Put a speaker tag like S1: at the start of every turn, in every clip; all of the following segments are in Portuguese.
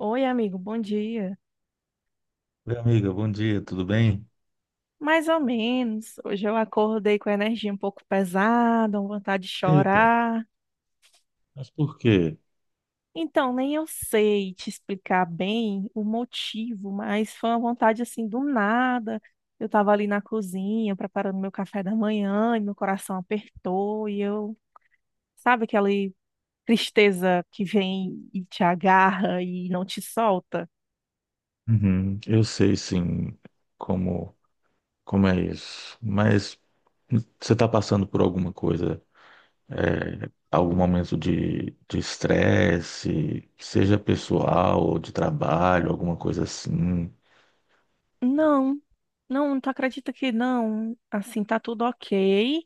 S1: Oi, amigo, bom dia.
S2: Oi, amiga, bom dia, tudo bem?
S1: Mais ou menos. Hoje eu acordei com a energia um pouco pesada, uma vontade de
S2: Eita,
S1: chorar.
S2: mas por quê?
S1: Então, nem eu sei te explicar bem o motivo, mas foi uma vontade assim do nada. Eu estava ali na cozinha preparando meu café da manhã e meu coração apertou sabe aquela tristeza que vem e te agarra e não te solta?
S2: Uhum, eu sei sim como, como é isso, mas você está passando por alguma coisa, algum momento de estresse, seja pessoal ou de trabalho, alguma coisa assim?
S1: Não, não, tu acredita que não? Assim, tá tudo ok.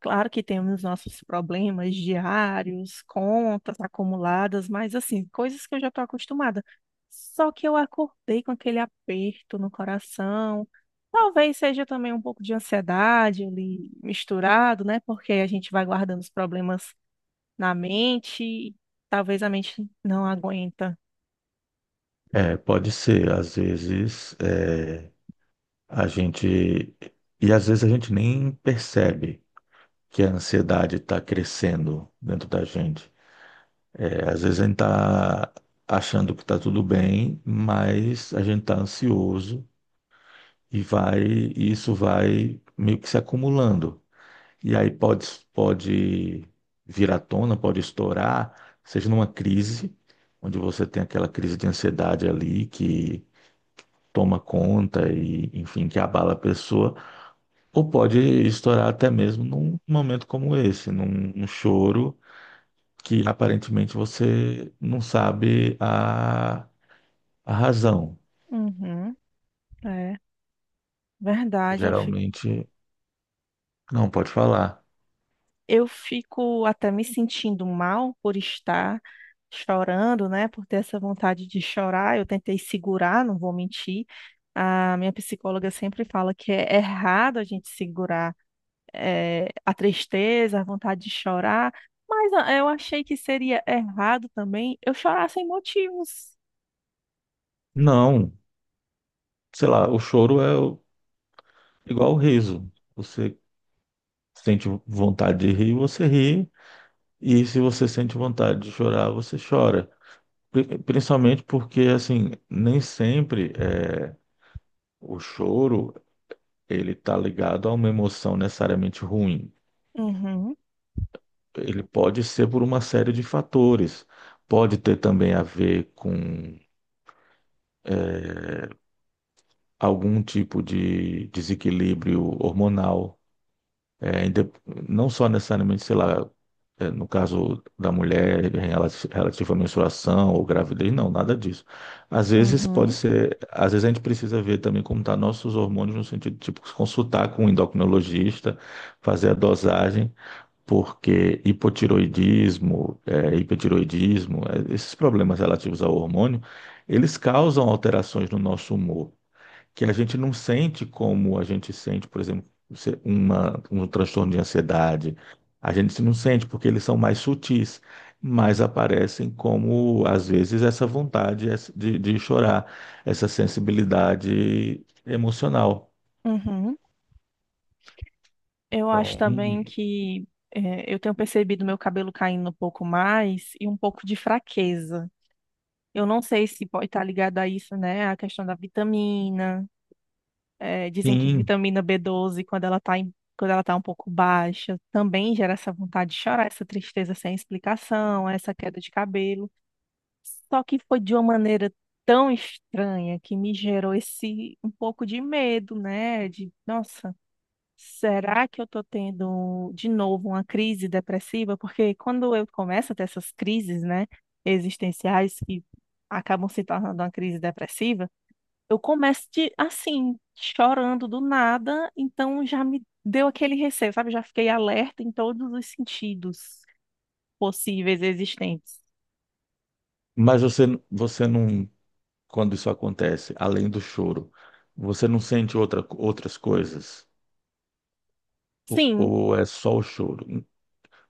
S1: Claro que temos nossos problemas diários, contas acumuladas, mas assim, coisas que eu já estou acostumada. Só que eu acordei com aquele aperto no coração. Talvez seja também um pouco de ansiedade ali misturado, né? Porque a gente vai guardando os problemas na mente, e talvez a mente não aguenta.
S2: Pode ser, às vezes é, a gente. E às vezes a gente nem percebe que a ansiedade está crescendo dentro da gente. Às vezes a gente tá achando que tá tudo bem, mas a gente tá ansioso e isso vai meio que se acumulando. E aí pode vir à tona, pode estourar, seja numa crise, onde você tem aquela crise de ansiedade ali que toma conta e, enfim, que abala a pessoa, ou pode estourar até mesmo num momento como esse, num choro que aparentemente você não sabe a A razão,
S1: Uhum, é verdade. eu
S2: geralmente, não pode falar.
S1: Eu fico até me sentindo mal por estar chorando, né? Por ter essa vontade de chorar. Eu tentei segurar, não vou mentir. A minha psicóloga sempre fala que é errado a gente segurar, a tristeza, a vontade de chorar, mas ah, eu achei que seria errado também eu chorar sem motivos.
S2: Não, sei lá, o choro é o- igual o riso. Você sente vontade de rir, você ri, e se você sente vontade de chorar, você chora. Principalmente porque, assim, nem sempre o choro ele está ligado a uma emoção necessariamente ruim.
S1: Uhum,
S2: Ele pode ser por uma série de fatores. Pode ter também a ver com algum tipo de desequilíbrio hormonal. É, inde- não só necessariamente, sei lá, no caso da mulher em relativo à menstruação ou gravidez, não, nada disso.
S1: uhum,
S2: Às vezes a gente precisa ver também como estão nossos hormônios no sentido de tipo, consultar com um endocrinologista, fazer a dosagem, porque hipotiroidismo, hipertiroidismo, esses problemas relativos ao hormônio, eles causam alterações no nosso humor que a gente não sente como a gente sente, por exemplo, um transtorno de ansiedade. A gente se não sente porque eles são mais sutis, mas aparecem como, às vezes, essa vontade de chorar, essa sensibilidade emocional.
S1: uhum. Eu acho
S2: Então,
S1: também que eu tenho percebido meu cabelo caindo um pouco mais e um pouco de fraqueza. Eu não sei se pode estar ligado a isso, né? A questão da vitamina. É, dizem que
S2: sim,
S1: vitamina B12, quando ela tá um pouco baixa, também gera essa vontade de chorar, essa tristeza sem explicação, essa queda de cabelo. Só que foi de uma maneira tão estranha que me gerou esse um pouco de medo, né? De, nossa. Será que eu tô tendo de novo uma crise depressiva? Porque quando eu começo a ter essas crises, né, existenciais que acabam se tornando uma crise depressiva, eu começo de, assim, chorando do nada, então já me deu aquele receio, sabe? Já fiquei alerta em todos os sentidos possíveis e existentes.
S2: mas você não, quando isso acontece, além do choro, você não sente outras coisas?
S1: Sim,
S2: Ou é só o choro?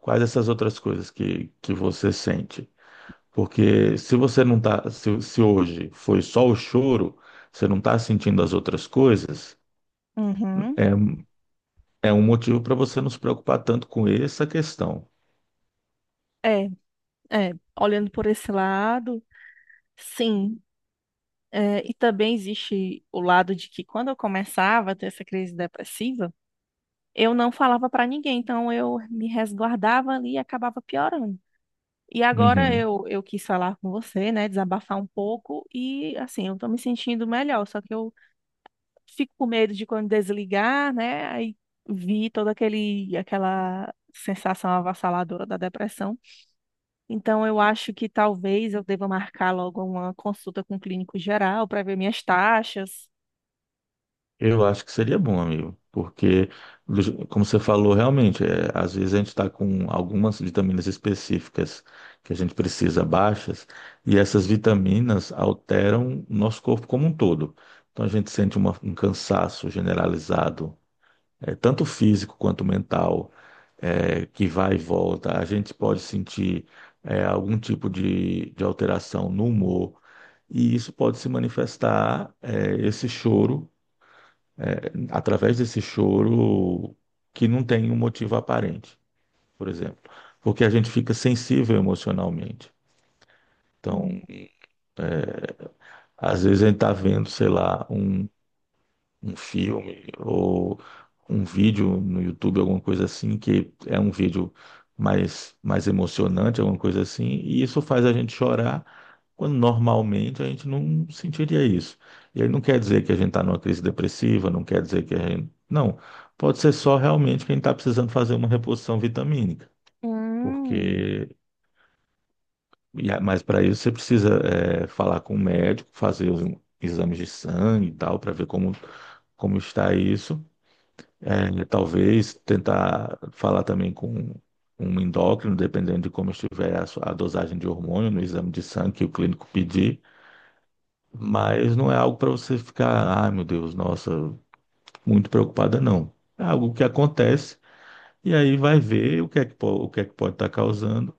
S2: Quais essas outras coisas que você sente? Porque se você não tá, se hoje foi só o choro, você não está sentindo as outras coisas,
S1: uhum,
S2: é, é um motivo para você não se preocupar tanto com essa questão.
S1: é, é, olhando por esse lado, sim. É, e também existe o lado de que quando eu começava a ter essa crise depressiva, eu não falava para ninguém, então eu me resguardava ali e acabava piorando. E agora
S2: Uhum.
S1: eu quis falar com você, né, desabafar um pouco e assim, eu tô me sentindo melhor, só que eu fico com medo de quando desligar, né, aí vi toda aquele aquela sensação avassaladora da depressão. Então eu acho que talvez eu deva marcar logo uma consulta com o clínico geral para ver minhas taxas.
S2: Eu acho que seria bom, amigo, porque, como você falou, realmente, às vezes a gente está com algumas vitaminas específicas que a gente precisa baixas, e essas vitaminas alteram o nosso corpo como um todo. Então a gente sente um cansaço generalizado, tanto físico quanto mental. Que vai e volta, a gente pode sentir algum tipo de alteração no humor, e isso pode se manifestar, esse choro, através desse choro que não tem um motivo aparente, por exemplo, porque a gente fica sensível emocionalmente.
S1: Hum,
S2: Então, às vezes a gente está vendo, sei lá, um filme ou um vídeo no YouTube, alguma coisa assim, que é um vídeo mais emocionante, alguma coisa assim, e isso faz a gente chorar quando normalmente a gente não sentiria isso. E aí não quer dizer que a gente está numa crise depressiva, não quer dizer que a gente. Não, pode ser só realmente quem está precisando fazer uma reposição vitamínica,
S1: hum,
S2: porque. Mas para isso você precisa falar com o médico, fazer os exames de sangue e tal, para ver como está isso. É, talvez tentar falar também com um endócrino, dependendo de como estiver a dosagem de hormônio no exame de sangue que o clínico pedir, mas não é algo para você ficar, ai meu Deus, nossa, muito preocupada, não. É algo que acontece e aí vai ver o que é que, o que é que pode estar causando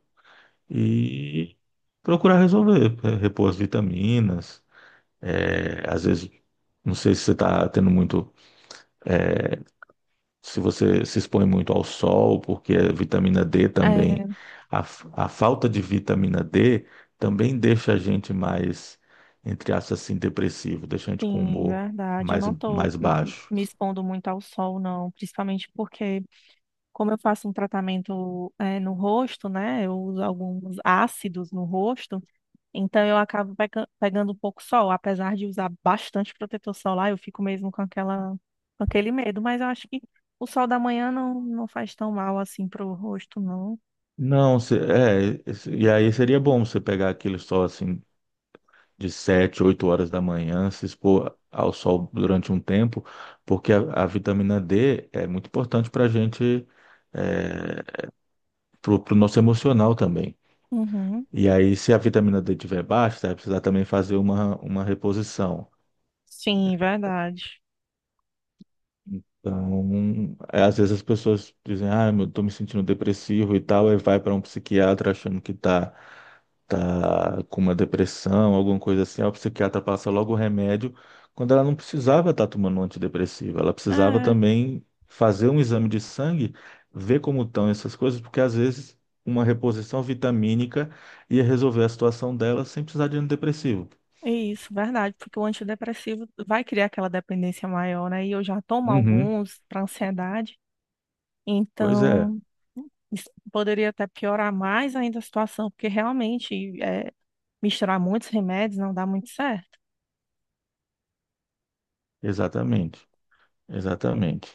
S2: e procurar resolver, repor as vitaminas, às vezes, não sei se você está tendo muito se você se expõe muito ao sol, porque a vitamina D também,
S1: é,
S2: a falta de vitamina D também deixa a gente mais, entre aspas, assim, depressivo, deixa a gente com
S1: sim,
S2: humor
S1: verdade. Eu não tô
S2: mais baixo.
S1: me expondo muito ao sol, não, principalmente porque, como eu faço um tratamento, é, no rosto, né? Eu uso alguns ácidos no rosto, então eu acabo pegando um pouco sol. Apesar de usar bastante protetor solar, eu fico mesmo com aquela, com aquele medo, mas eu acho que o sol da manhã não, não faz tão mal assim pro rosto, não.
S2: E aí seria bom você pegar aquele sol assim de 7 8 horas da manhã, se expor ao sol durante um tempo, porque a vitamina D é muito importante para a gente, para o nosso emocional também.
S1: Uhum.
S2: E aí, se a vitamina D tiver baixa, você vai precisar também fazer uma reposição.
S1: Sim, verdade.
S2: Então, às vezes as pessoas dizem, ah, eu tô me sentindo depressivo e tal, aí vai para um psiquiatra achando que tá, tá com uma depressão, alguma coisa assim. Aí o psiquiatra passa logo o remédio, quando ela não precisava estar tomando um antidepressivo, ela precisava
S1: É.
S2: também fazer um exame de sangue, ver como estão essas coisas, porque às vezes uma reposição vitamínica ia resolver a situação dela sem precisar de antidepressivo.
S1: Isso, verdade, porque o antidepressivo vai criar aquela dependência maior, né? E eu já tomo
S2: Uhum.
S1: alguns para ansiedade,
S2: Pois é,
S1: então isso poderia até piorar mais ainda a situação, porque realmente é, misturar muitos remédios não dá muito certo.
S2: exatamente, exatamente.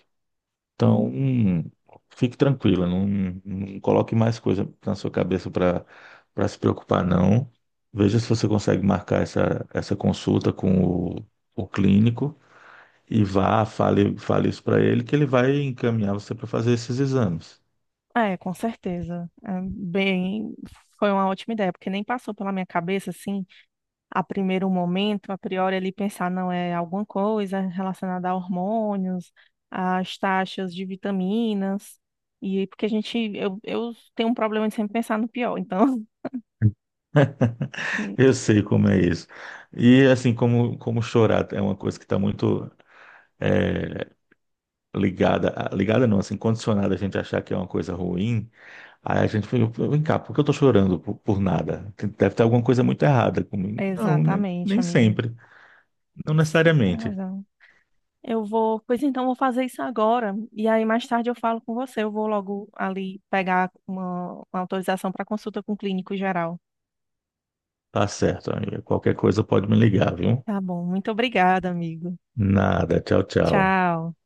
S2: Então,
S1: Hum.
S2: fique tranquila, não, não coloque mais coisa na sua cabeça para se preocupar, não. Veja se você consegue marcar essa consulta com o clínico e vá, fale isso para ele, que ele vai encaminhar você para fazer esses exames.
S1: É, com certeza. É, bem, foi uma ótima ideia, porque nem passou pela minha cabeça assim a primeiro momento, a priori, ele pensar não é alguma coisa relacionada a hormônios, às taxas de vitaminas, e porque a gente, eu tenho um problema de sempre pensar no pior, então.
S2: Eu sei como é isso. E assim, como chorar é uma coisa que está muito eh, ligada, ligada não, assim, condicionada a gente achar que é uma coisa ruim. Aí a gente falou, vem cá, por que eu tô chorando por nada? Deve ter alguma coisa muito errada comigo. Não,
S1: Exatamente,
S2: nem
S1: amigo.
S2: sempre. Não
S1: Você tem
S2: necessariamente.
S1: razão. Eu vou, pois então, vou fazer isso agora, e aí mais tarde eu falo com você. Eu vou logo ali pegar uma autorização para consulta com o clínico geral.
S2: Tá certo, amiga. Qualquer coisa pode me ligar, viu?
S1: Tá bom, muito obrigada, amigo.
S2: Nada. Tchau, tchau.
S1: Tchau.